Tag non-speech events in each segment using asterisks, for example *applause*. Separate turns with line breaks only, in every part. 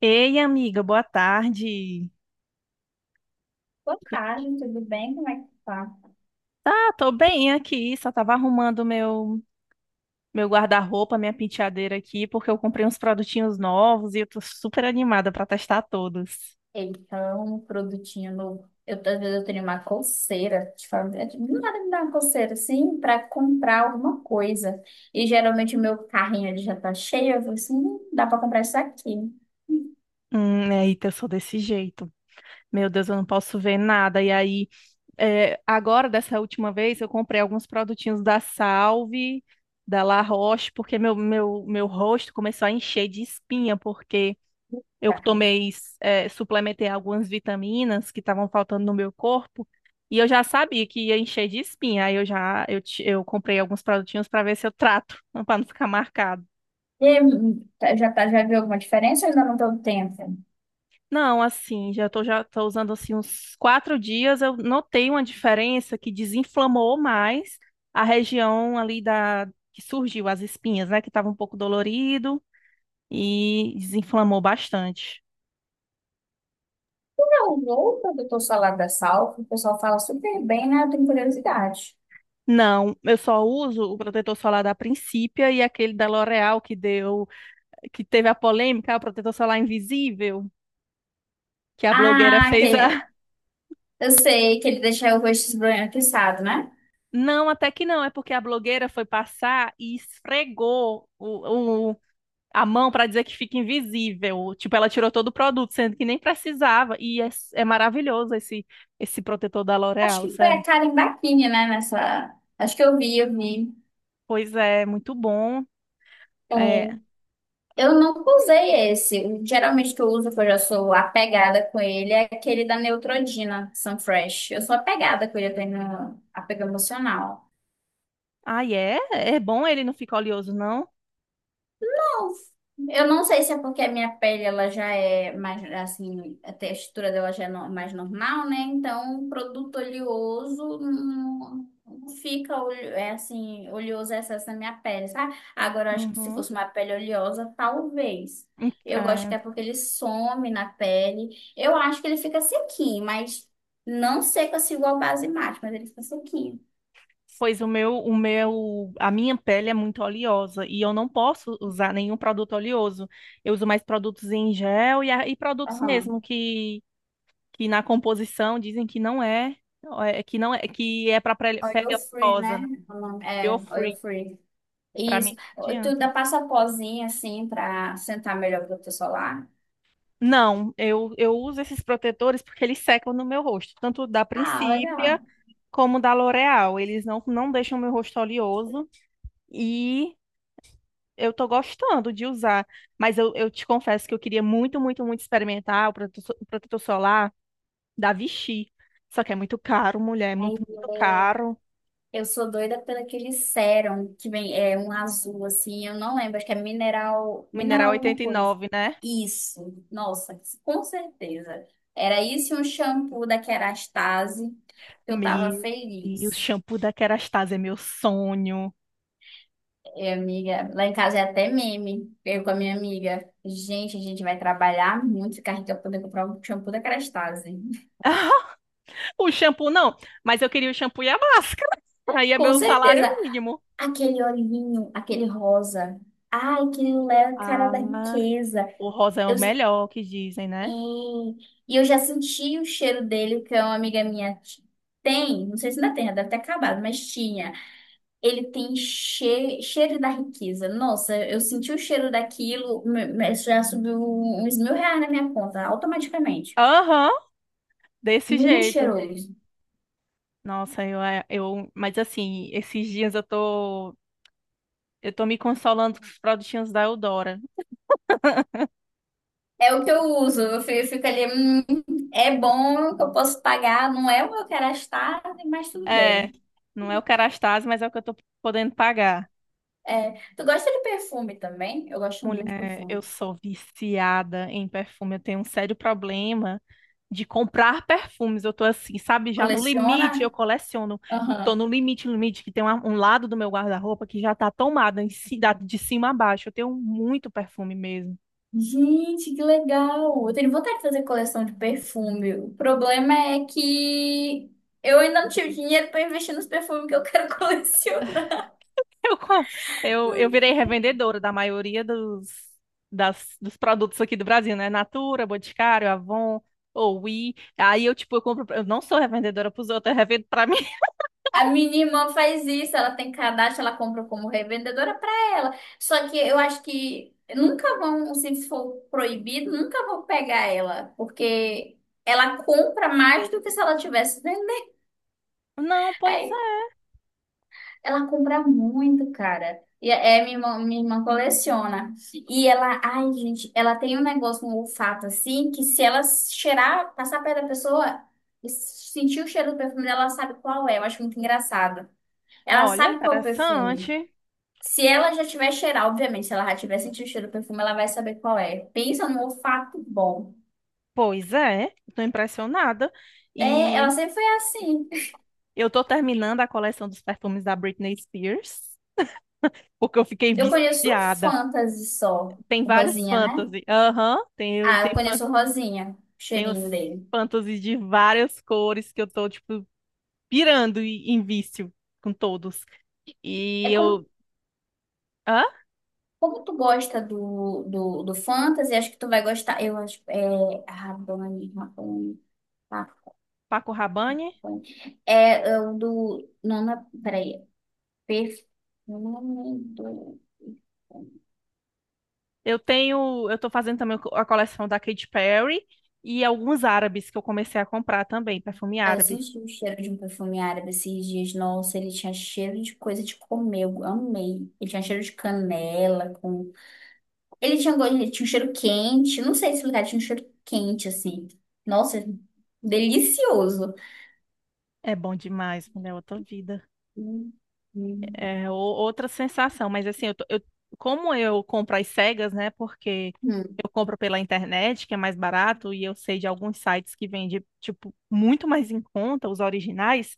Ei, amiga, boa tarde.
Boa tarde, tudo bem? Como é que tá?
Tá, tô bem aqui, só tava arrumando meu guarda-roupa, minha penteadeira aqui, porque eu comprei uns produtinhos novos e eu tô super animada pra testar todos.
Então, um produtinho novo. Eu, às vezes eu tenho uma coceira, de fazer, do nada me dá uma coceira assim para comprar alguma coisa. E geralmente o meu carrinho ele já tá cheio, eu falo assim, dá para comprar isso aqui. Hum,
Eita, eu sou desse jeito. Meu Deus, eu não posso ver nada. E aí, agora, dessa última vez, eu comprei alguns produtinhos da Salve, da La Roche, porque meu rosto começou a encher de espinha, porque eu
Tá.
tomei, suplementei algumas vitaminas que estavam faltando no meu corpo e eu já sabia que ia encher de espinha. Aí eu já eu, ti- eu comprei alguns produtinhos para ver se eu trato, *laughs* para não ficar marcado.
E aí, já, tá, já viu alguma diferença? Ou ainda não deu tempo.
Não, assim, já tô usando assim uns quatro dias. Eu notei uma diferença que desinflamou mais a região ali da que surgiu as espinhas, né? Que estava um pouco dolorido e desinflamou bastante.
Não, vou para o doutor Salada Salvo, o pessoal fala super bem, né? Eu tenho curiosidade.
Não, eu só uso o protetor solar da Principia e aquele da L'Oréal que deu, que teve a polêmica: "Ah, o protetor solar invisível, que a blogueira
Ah,
fez
que
a." *laughs*
eu sei que ele deixa o rosto esbranquiçado, né?
Não, até que não, é porque a blogueira foi passar e esfregou a mão para dizer que fica invisível. Tipo, ela tirou todo o produto, sendo que nem precisava. E é maravilhoso esse protetor da
Acho
L'Oréal,
que foi a
sério.
Karen Bachini, né? Nessa. Acho que eu vi, eu vi.
Pois é, muito bom.
É.
É...
Eu nunca usei esse. Geralmente o que eu uso, que eu já sou apegada com ele, é aquele da Neutrodina Sunfresh. Eu sou apegada com ele, eu tenho apego emocional.
Ai, é? É bom, ele não fica oleoso, não?
Eu não sei se é porque a minha pele ela já é mais assim, a textura dela já é mais normal, né? Então, produto oleoso não fica é assim, oleoso é excesso na minha pele, sabe? Agora, eu acho que se
Uhum.
fosse uma pele oleosa, talvez. Eu gosto que
É.
é porque ele some na pele. Eu acho que ele fica sequinho, mas não seca se igual base mate, mas ele fica sequinho.
Pois o meu, a minha pele é muito oleosa e eu não posso usar nenhum produto oleoso. Eu uso mais produtos em gel e, e produtos
Aham.
mesmo que na composição dizem que não é, que não é, que é para pele
Oil free,
oleosa,
né?
né?
É, oil
Oil-free,
free.
para mim
Isso.
não
Tu
adianta.
dá passa a pozinha assim pra sentar melhor pro teu solar.
Não, eu uso esses protetores porque eles secam no meu rosto, tanto da
Ah, legal.
Principia como da L'Oréal. Eles não deixam meu rosto oleoso e eu tô gostando de usar, mas eu te confesso que eu queria muito, muito, muito experimentar o protetor solar da Vichy. Só que é muito caro, mulher, é
Aí,
muito, muito caro.
é, eu sou doida pelo aquele sérum que vem é um azul assim, eu não lembro, acho que é mineral,
Mineral
mineral alguma coisa.
89, né?
Isso. Nossa, com certeza. Era isso e um shampoo da Kerastase que eu tava
Meu Deus,
feliz.
shampoo da Kerastase é meu sonho.
E, amiga, lá em casa é até meme. Eu com a minha amiga, gente, a gente vai trabalhar muito, ficar rica pra poder comprar um shampoo da Kerastase.
*laughs* O shampoo não, mas eu queria o shampoo e a máscara. *laughs* Aí é
Com
meu salário
certeza.
mínimo.
Aquele olhinho, aquele rosa. Ai, aquilo é a cara da
Ah,
riqueza.
o rosa é
Eu,
o melhor, que dizem,
e,
né?
e eu já senti o cheiro dele, que é uma amiga minha tem. Não sei se ainda tem, já deve ter acabado, mas tinha. Ele tem cheiro da riqueza. Nossa, eu senti o cheiro daquilo, já subiu uns 1.000 reais na minha conta, automaticamente.
Aham, desse
Muito
jeito.
cheiroso.
Nossa, mas assim, esses dias eu tô. Eu tô me consolando com os produtinhos da Eudora.
É o que eu uso. Eu fico ali, é bom que eu posso pagar, não é o que eu quero gastar, mas tudo
É,
bem.
não é o Kerastase, mas é o que eu tô podendo pagar.
É, tu gosta de perfume também? Eu gosto muito de
Mulher, eu
perfume.
sou viciada em perfume. Eu tenho um sério problema de comprar perfumes. Eu tô assim, sabe, já no limite, eu
Coleciona?
coleciono. Eu tô
Aham.
no limite, limite, que tem um lado do meu guarda-roupa que já tá tomado de cima a baixo. Eu tenho muito perfume mesmo.
Gente, que legal! Eu tenho vontade de fazer coleção de perfume. O problema é que eu ainda não tive dinheiro para investir nos perfumes que eu quero *laughs* colecionar.
Eu, co- eu virei revendedora da maioria dos produtos aqui do Brasil, né? Natura, Boticário, Avon, Oui. Aí eu, tipo, eu compro. Eu não sou revendedora pros outros, eu revendo pra mim. *laughs*
A minha irmã faz isso, ela tem cadastro, ela compra como revendedora para ela. Só que eu acho que nunca vão, se for proibido, nunca vão pegar ela, porque ela compra mais do que se ela tivesse vendendo.
Não, pois
Aí,
é.
ela compra muito, cara. Minha irmã coleciona. E ela, ai, gente, ela tem um negócio, um olfato assim, que se ela cheirar, passar perto da pessoa, sentir o cheiro do perfume dela, ela sabe qual é. Eu acho muito engraçado. Ela
Olha,
sabe qual é o perfume.
interessante.
Se ela já tiver cheirar obviamente, se ela já tiver sentido o cheiro do perfume, ela vai saber qual é. Pensa num olfato bom.
Pois é, tô impressionada.
É, ela
E
sempre foi assim.
eu tô terminando a coleção dos perfumes da Britney Spears, porque eu fiquei
Eu conheço o
viciada.
Fantasy só,
Tem
o
vários
Rosinha, né?
fantasy. Aham,
Ah, eu conheço o Rosinha, o
tem os
cheirinho dele.
fantasies de várias cores que eu tô, tipo, pirando em vício com todos.
É
E
como,
eu. Hã?
como tu gosta do Fantasy, acho que tu vai gostar. Eu acho. É. Rabone, Rabone.
Paco Rabanne?
É, é o do. Não, não, peraí. Perfume do.
Eu tenho. Eu tô fazendo também a coleção da Katy Perry e alguns árabes que eu comecei a comprar também, perfume
Ah, eu
árabe.
senti o cheiro de um perfume árabe esses dias. Nossa, ele tinha cheiro de coisa de comer. Eu amei. Ele tinha cheiro de canela com... Ele tinha, ele tinha um cheiro quente. Não sei explicar, tinha um cheiro quente, assim. Nossa, delicioso.
É bom demais, mulher, outra vida.
Hum, hum.
Outra sensação. Mas assim, como eu compro às cegas, né? Porque
Hum.
eu compro pela internet, que é mais barato, e eu sei de alguns sites que vendem, tipo, muito mais em conta, os originais.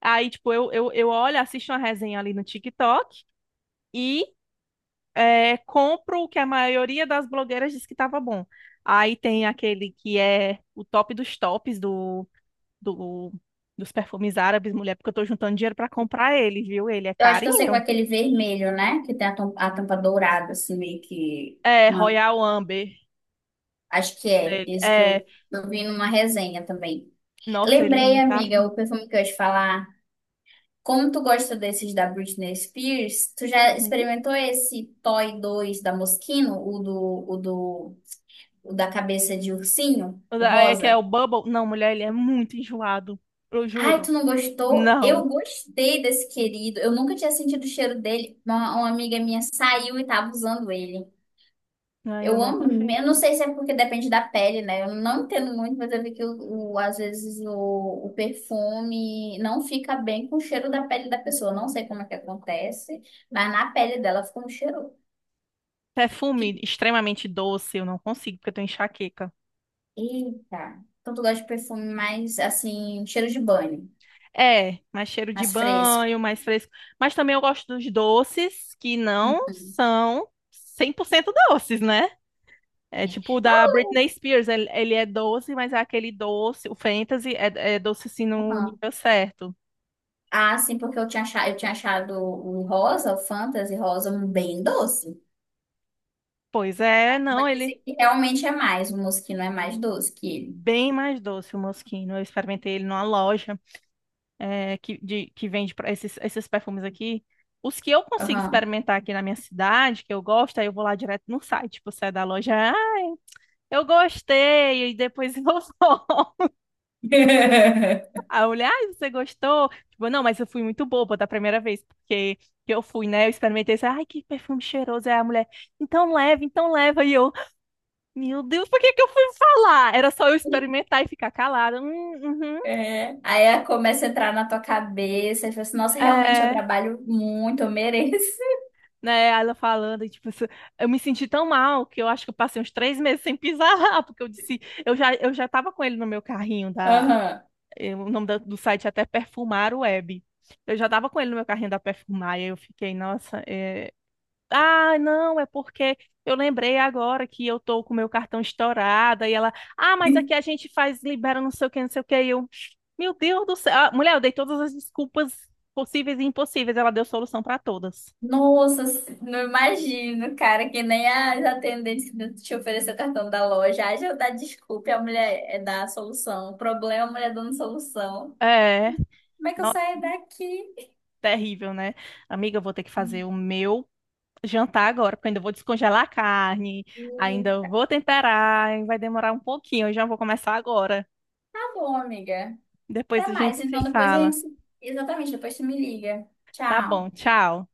Aí, tipo, eu olho, assisto uma resenha ali no TikTok. E compro o que a maioria das blogueiras diz que estava bom. Aí tem aquele que é o top dos tops do- dos perfumes árabes, mulher, porque eu tô juntando dinheiro para comprar ele, viu? Ele é
Eu acho que eu sei com
carinho.
aquele vermelho, né? Que tem a tampa dourada, assim, meio que.
É,
Uma...
Royal Amber
Acho que
o
é.
dele.
Esse que
É,
eu vi numa resenha também.
nossa, ele é
Lembrei,
um
amiga,
carinho.
o perfume que eu ia te falar. Como tu gosta desses da Britney Spears, tu já
Uhum.
experimentou esse Toy 2 da Moschino, o da cabeça de ursinho, o
É que é
rosa?
o Bubble. Não, mulher, ele é muito enjoado. Eu
Ai,
juro.
tu não gostou?
Não.
Eu gostei desse querido. Eu nunca tinha sentido o cheiro dele. Uma amiga minha saiu e tava usando ele.
Ai, eu
Eu
não
amo, eu
confio.
não sei se é porque depende da pele, né? Eu não entendo muito, mas eu vi que às vezes o perfume não fica bem com o cheiro da pele da pessoa. Não sei como é que acontece, mas na pele dela fica um cheiro. de-
Perfume extremamente doce, eu não consigo, porque eu tenho enxaqueca.
Eita! Então tu gosta de perfume mais assim, cheiro de banho,
É, mais cheiro de
mais fresco.
banho, mais fresco. Mas também eu gosto dos doces que não
Uhum.
são 100% doces, né? É
É.
tipo o da
Não,
Britney Spears, ele é doce, mas é aquele doce, o Fantasy é doce assim no
uhum.
nível certo.
Ah, sim, porque eu tinha achado o rosa, o Fantasy rosa, um bem doce.
Pois é, não,
Mas
ele
esse
é
aqui realmente é mais, o musquinho é mais doce que ele.
bem mais doce o Moschino. Eu experimentei ele numa loja que vende pra esses perfumes aqui. Os que eu consigo experimentar aqui na minha cidade, que eu gosto, aí eu vou lá direto no site, tipo, sai da loja. Eu gostei, e depois inovou. *laughs* Aí eu vou.
*laughs*
A mulher, ai, você gostou? Tipo, não, mas eu fui muito boba da primeira vez, porque que eu fui, né? Eu experimentei, assim, ai, que perfume cheiroso. É, a mulher, então leva, então leva. E eu, meu Deus, por que que eu fui falar? Era só eu experimentar e ficar calada. Uhum,
É. Aí ela começa a entrar na tua cabeça e fala assim, nossa, realmente eu
é,
trabalho muito, eu mereço. *laughs*
né? Aí ela falando, e, tipo, eu me senti tão mal que eu acho que eu passei uns três meses sem *laughs* pisar lá, porque eu disse, eu já tava com ele no meu carrinho.
Aham.
O nome do site é até Perfumar Web. Eu já tava com ele no meu carrinho da Perfumar, e aí eu fiquei, nossa, é... Ah, não, é porque eu lembrei agora que eu tô com o meu cartão estourado, e ela, ah, mas aqui a gente faz, libera não sei o que, não sei o que, e eu, meu Deus do céu. Ah, mulher, eu dei todas as desculpas possíveis e impossíveis, ela deu solução pra todas.
Nossa, não imagino, cara, que nem as atendentes te oferecer o cartão da loja. Ai, já dá desculpa, a mulher é da solução. O problema, é a mulher dando solução.
É,
Como é que eu
nossa,
saio daqui?
terrível, né? Amiga, eu vou ter que fazer o meu jantar agora, porque eu ainda vou descongelar a carne,
Hum,
ainda vou temperar, e vai demorar um pouquinho, eu já vou começar agora.
Tá bom, amiga.
Depois
Até
a gente
mais.
se
Então depois a
fala.
gente. Exatamente, depois tu me liga.
Tá bom,
Tchau.
tchau.